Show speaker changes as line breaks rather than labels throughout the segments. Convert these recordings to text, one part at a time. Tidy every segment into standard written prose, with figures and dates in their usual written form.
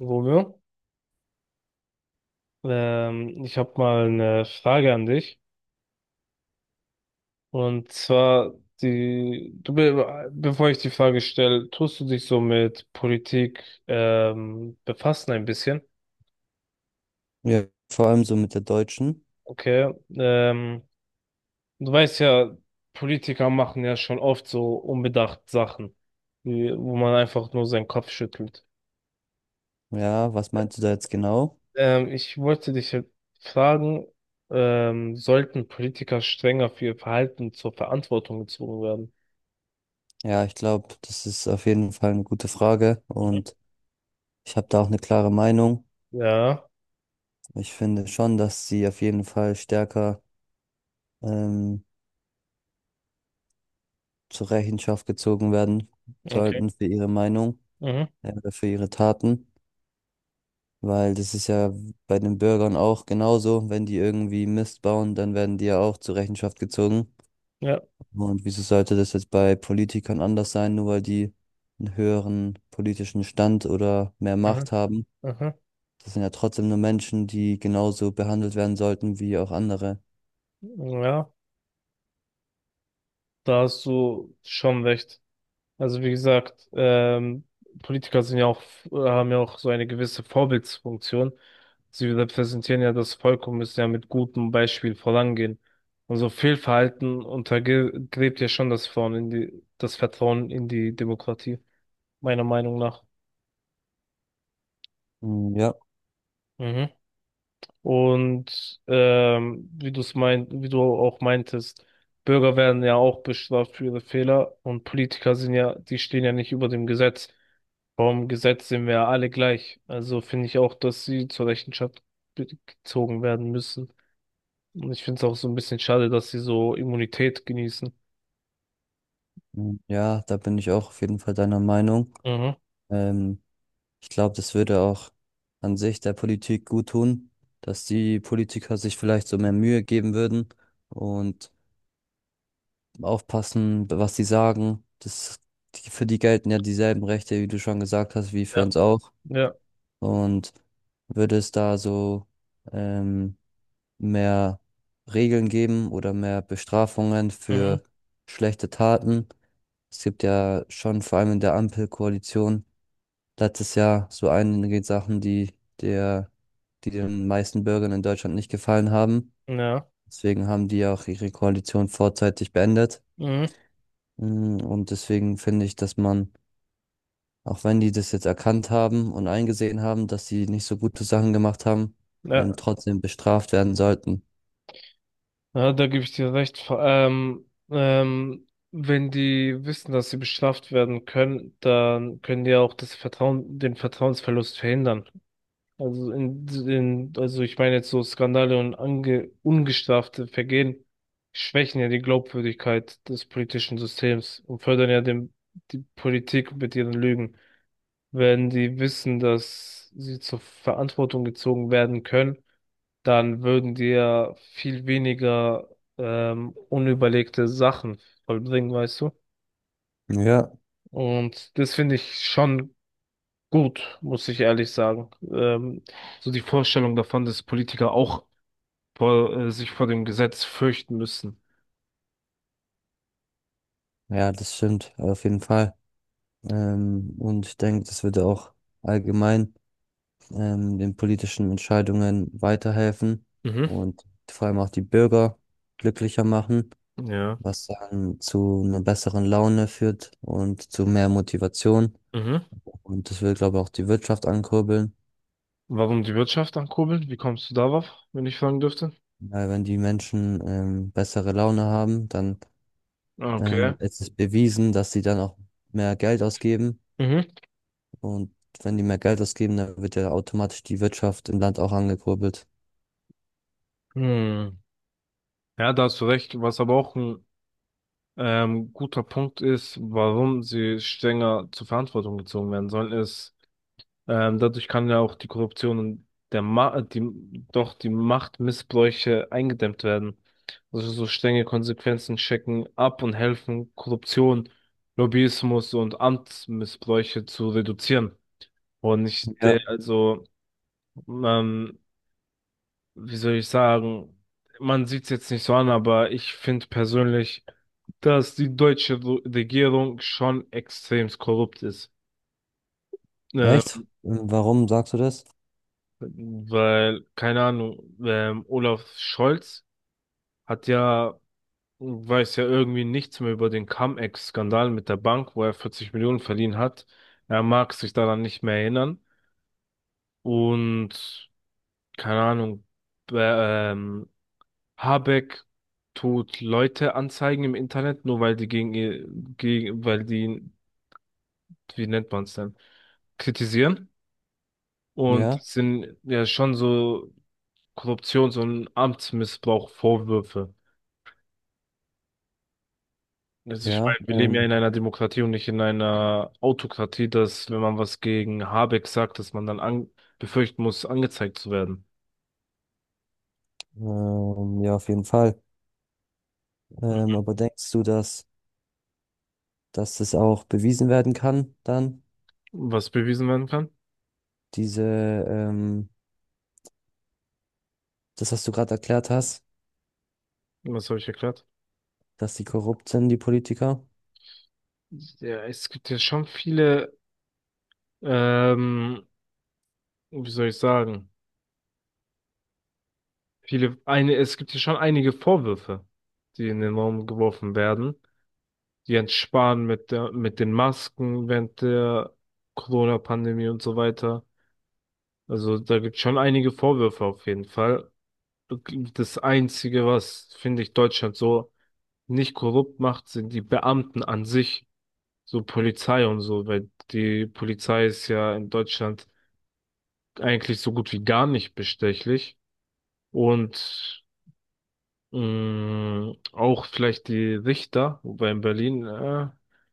Romeo, ich habe mal eine Frage an dich. Und zwar, die, du, be bevor ich die Frage stelle, tust du dich so mit Politik befassen ein bisschen?
Ja, vor allem so mit der Deutschen.
Okay. Ähm, du weißt ja, Politiker machen ja schon oft so unbedacht Sachen, wo man einfach nur seinen Kopf schüttelt.
Ja, was meinst du da jetzt genau?
Ich wollte dich halt fragen, sollten Politiker strenger für ihr Verhalten zur Verantwortung gezogen werden?
Ja, ich glaube, das ist auf jeden Fall eine gute Frage
Mhm.
und ich habe da auch eine klare Meinung.
Ja.
Ich finde schon, dass sie auf jeden Fall stärker ähm, zur Rechenschaft gezogen werden
Okay.
sollten für ihre Meinung,
Mhm.
oder für ihre Taten, weil das ist ja bei den Bürgern auch genauso. Wenn die irgendwie Mist bauen, dann werden die ja auch zur Rechenschaft gezogen.
Ja.
Und wieso sollte das jetzt bei Politikern anders sein, nur weil die einen höheren politischen Stand oder mehr
Aha.
Macht haben?
Aha.
Das sind ja trotzdem nur Menschen, die genauso behandelt werden sollten wie auch andere.
Ja, da hast du schon recht. Also wie gesagt, Politiker sind ja auch, haben ja auch so eine gewisse Vorbildsfunktion. Sie repräsentieren ja das Volk und müssen ja mit gutem Beispiel vorangehen. Und so Fehlverhalten untergräbt ja schon das Vertrauen das Vertrauen in die Demokratie, meiner Meinung nach.
Mm, ja,
Mhm. Und wie du es meint, wie du auch meintest, Bürger werden ja auch bestraft für ihre Fehler, und Politiker sind ja, die stehen ja nicht über dem Gesetz. Vom Gesetz sind wir ja alle gleich. Also finde ich auch, dass sie zur Rechenschaft gezogen werden müssen. Und ich finde es auch so ein bisschen schade, dass sie so Immunität genießen.
ja, da bin ich auch auf jeden Fall deiner Meinung.
Mhm.
Ähm, Ich glaube, das würde auch an sich der Politik gut tun, dass die Politiker sich vielleicht so mehr Mühe geben würden und aufpassen, was sie sagen. Für die gelten ja dieselben Rechte, wie du schon gesagt hast, wie für
Ja.
uns auch.
Ja.
Und würde es da so ähm, mehr Regeln geben oder mehr Bestrafungen
Mhm.
für schlechte Taten? Es gibt ja schon vor allem in der Ampelkoalition letztes Jahr so einige Sachen, die der, die den meisten Bürgern in Deutschland nicht gefallen haben.
Ja.
Deswegen haben die auch ihre Koalition vorzeitig beendet.
Mhm.
Mm, und deswegen finde ich, dass man, auch wenn die das jetzt erkannt haben und eingesehen haben, dass sie nicht so gute Sachen gemacht haben,
Ja.
trotzdem bestraft werden sollten.
Ja, da gebe ich dir recht. Vor allem, wenn die wissen, dass sie bestraft werden können, dann können die auch das Vertrauen, den Vertrauensverlust verhindern. Also also ich meine jetzt so Skandale und ungestrafte Vergehen schwächen ja die Glaubwürdigkeit des politischen Systems und fördern ja die Politik mit ihren Lügen. Wenn die wissen, dass sie zur Verantwortung gezogen werden können, dann würden die ja viel weniger unüberlegte Sachen vollbringen, weißt du?
Ja,
Und das finde ich schon gut, muss ich ehrlich sagen. So die Vorstellung davon, dass Politiker auch sich vor dem Gesetz fürchten müssen.
ja, das stimmt, auf jeden Fall. Und ich denke, das würde auch allgemein den politischen Entscheidungen weiterhelfen
Mhm.
und vor allem auch die Bürger glücklicher machen,
Ja.
was dann zu einer besseren Laune führt und zu mehr Motivation.
Mhm.
Und das will, glaube ich, auch die Wirtschaft ankurbeln.
Warum die Wirtschaft ankurbeln? Wie kommst du darauf, wenn ich fragen dürfte?
Weil wenn die Menschen bessere Laune haben, dann
Ah, okay.
ist es bewiesen, dass sie dann auch mehr Geld ausgeben.
Mhm.
Und wenn die mehr Geld ausgeben, dann wird ja automatisch die Wirtschaft im Land auch angekurbelt.
Hm. Ja, da hast du recht, was aber auch ein guter Punkt ist, warum sie strenger zur Verantwortung gezogen werden sollen, ist, dadurch kann ja auch die Korruption und der Ma die, doch die Machtmissbräuche eingedämmt werden. Also so strenge Konsequenzen checken ab und helfen, Korruption, Lobbyismus und Amtsmissbräuche zu reduzieren. Und ich,
Ja.
also, ähm, wie soll ich sagen, man sieht es jetzt nicht so an, aber ich finde persönlich, dass die deutsche Regierung schon extrem korrupt ist. Ähm,
Echt? Warum sagst du das?
weil, keine Ahnung, Olaf Scholz hat ja, weiß ja irgendwie nichts mehr über den Cum-Ex-Skandal mit der Bank, wo er 40 Millionen verliehen hat. Er mag sich daran nicht mehr erinnern. Und, keine Ahnung, äh, ähm, Habeck tut Leute anzeigen im Internet, nur weil die gegen ihr, gegen, weil die, wie nennt man es denn, kritisieren. Und
Ja,
es sind ja schon so Korruptions- und Amtsmissbrauch-Vorwürfe. Also ich
ja.
meine, wir leben ja in einer Demokratie und nicht in einer Autokratie, dass wenn man was gegen Habeck sagt, dass man dann an befürchten muss, angezeigt zu werden.
Ja, auf jeden Fall. Aber denkst du, dass das auch bewiesen werden kann, dann?
Was bewiesen werden kann?
Diese, ähm, das, was du gerade erklärt hast,
Was habe ich erklärt?
dass die korrupt sind, die Politiker?
Ja, es gibt ja schon viele, ähm, wie soll ich sagen, viele, eine, es gibt ja schon einige Vorwürfe, die in den Raum geworfen werden. Jens Spahn mit der, mit den Masken während der Corona-Pandemie und so weiter. Also da gibt es schon einige Vorwürfe auf jeden Fall. Das Einzige, was, finde ich, Deutschland so nicht korrupt macht, sind die Beamten an sich, so Polizei und so, weil die Polizei ist ja in Deutschland eigentlich so gut wie gar nicht bestechlich. Und auch vielleicht die Richter, wobei in Berlin.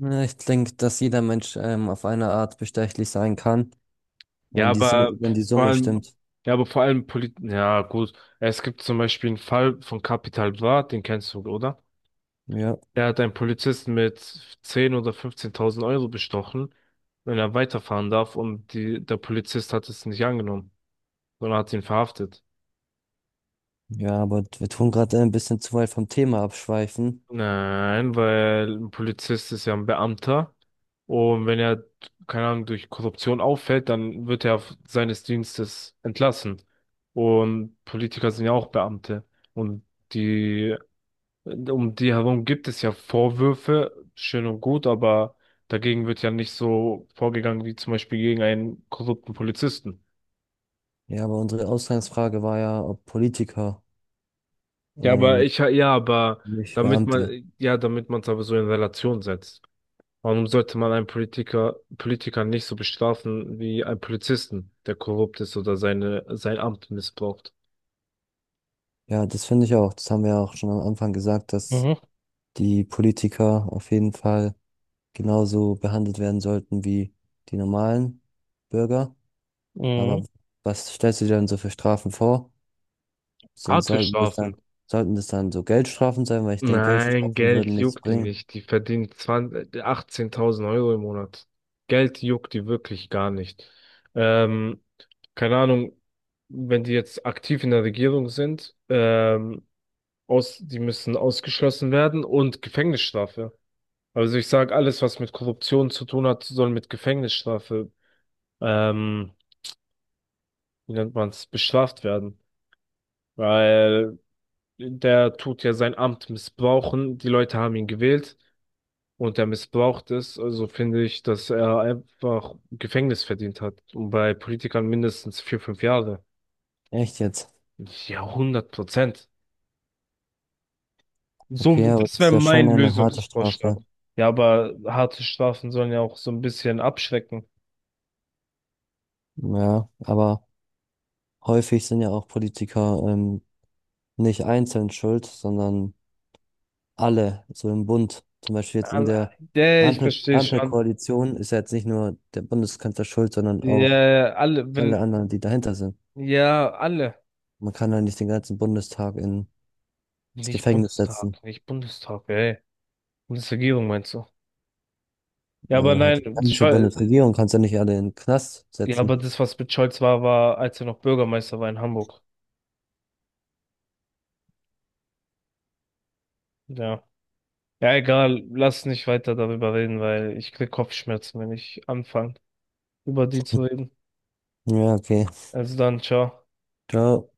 Ja, ich denke, dass jeder Mensch auf eine Art bestechlich sein kann,
Ja, aber
Wenn die
vor
Summe
allem,
stimmt.
ja, aber vor allem Polit, ja, gut. Es gibt zum Beispiel einen Fall von Capital Bra, den kennst du, oder?
Ja,
Der hat einen Polizisten mit 10 oder 15.000 Euro bestochen, wenn er weiterfahren darf, und die, der Polizist hat es nicht angenommen, sondern hat ihn verhaftet.
ja, aber wir tun gerade ein bisschen zu weit vom Thema abschweifen.
Nein, weil ein Polizist ist ja ein Beamter und wenn er, keine Ahnung, durch Korruption auffällt, dann wird er auf seines Dienstes entlassen. Und Politiker sind ja auch Beamte, und die, um die herum gibt es ja Vorwürfe, schön und gut, aber dagegen wird ja nicht so vorgegangen wie zum Beispiel gegen einen korrupten Polizisten.
Ja, aber unsere Ausgangsfrage war ja, ob Politiker,
Ja, aber
ähm,
ich, ja, aber
nicht
damit
Beamte.
man, ja, damit man es aber so in Relation setzt. Warum sollte man einen Politiker, Politiker nicht so bestrafen wie einen Polizisten, der korrupt ist oder seine, sein Amt missbraucht?
Ja, das finde ich auch. Das haben wir auch schon am Anfang gesagt, dass
Mhm.
die Politiker auf jeden Fall genauso behandelt werden sollten wie die normalen Bürger.
Mhm.
Aber was stellst du dir denn so für Strafen vor? Sind,
Harte
sollten das dann,
Strafen.
sollten das dann so Geldstrafen sein, weil ich denke,
Nein,
Geldstrafen
Geld
würden nichts
juckt die
bringen.
nicht. Die verdient 20, 18.000 Euro im Monat. Geld juckt die wirklich gar nicht. Ähm, keine Ahnung, wenn die jetzt aktiv in der Regierung sind, die müssen ausgeschlossen werden, und Gefängnisstrafe. Also ich sage, alles, was mit Korruption zu tun hat, soll mit Gefängnisstrafe, ähm, wie nennt man es, bestraft werden. Weil der tut ja sein Amt missbrauchen, die Leute haben ihn gewählt und er missbraucht es. Also finde ich, dass er einfach Gefängnis verdient hat. Und bei Politikern mindestens 4, 5 Jahre.
Echt jetzt?
Ja, 100%. So,
Okay, aber das
das wäre
ist ja schon
mein
eine harte
Lösungsvorschlag.
Strafe.
Ja, aber harte Strafen sollen ja auch so ein bisschen abschrecken.
Ja, aber häufig sind ja auch Politiker nicht einzeln schuld, sondern alle, so im Bund. Zum Beispiel jetzt in
Ah,
der
nee, ich verstehe schon.
Ampelkoalition ist ja jetzt nicht nur der Bundeskanzler schuld, sondern auch
Ja, alle,
alle
wenn,
anderen, die dahinter sind.
ja, alle.
Man kann ja nicht den ganzen Bundestag ins
Nicht
Gefängnis setzen.
Bundestag, nicht Bundestag, ey. Bundesregierung meinst du? Ja,
Ja,
aber
oder halt die
nein,
ganze
Scholz,
Bundesregierung kannst du ja nicht alle in den Knast
ja, aber
setzen.
das, was mit Scholz war, war, als er noch Bürgermeister war in Hamburg. Ja. Ja, egal, lass nicht weiter darüber reden, weil ich krieg Kopfschmerzen, wenn ich anfange, über die zu reden.
Ja, okay.
Also dann, ciao.
Ciao.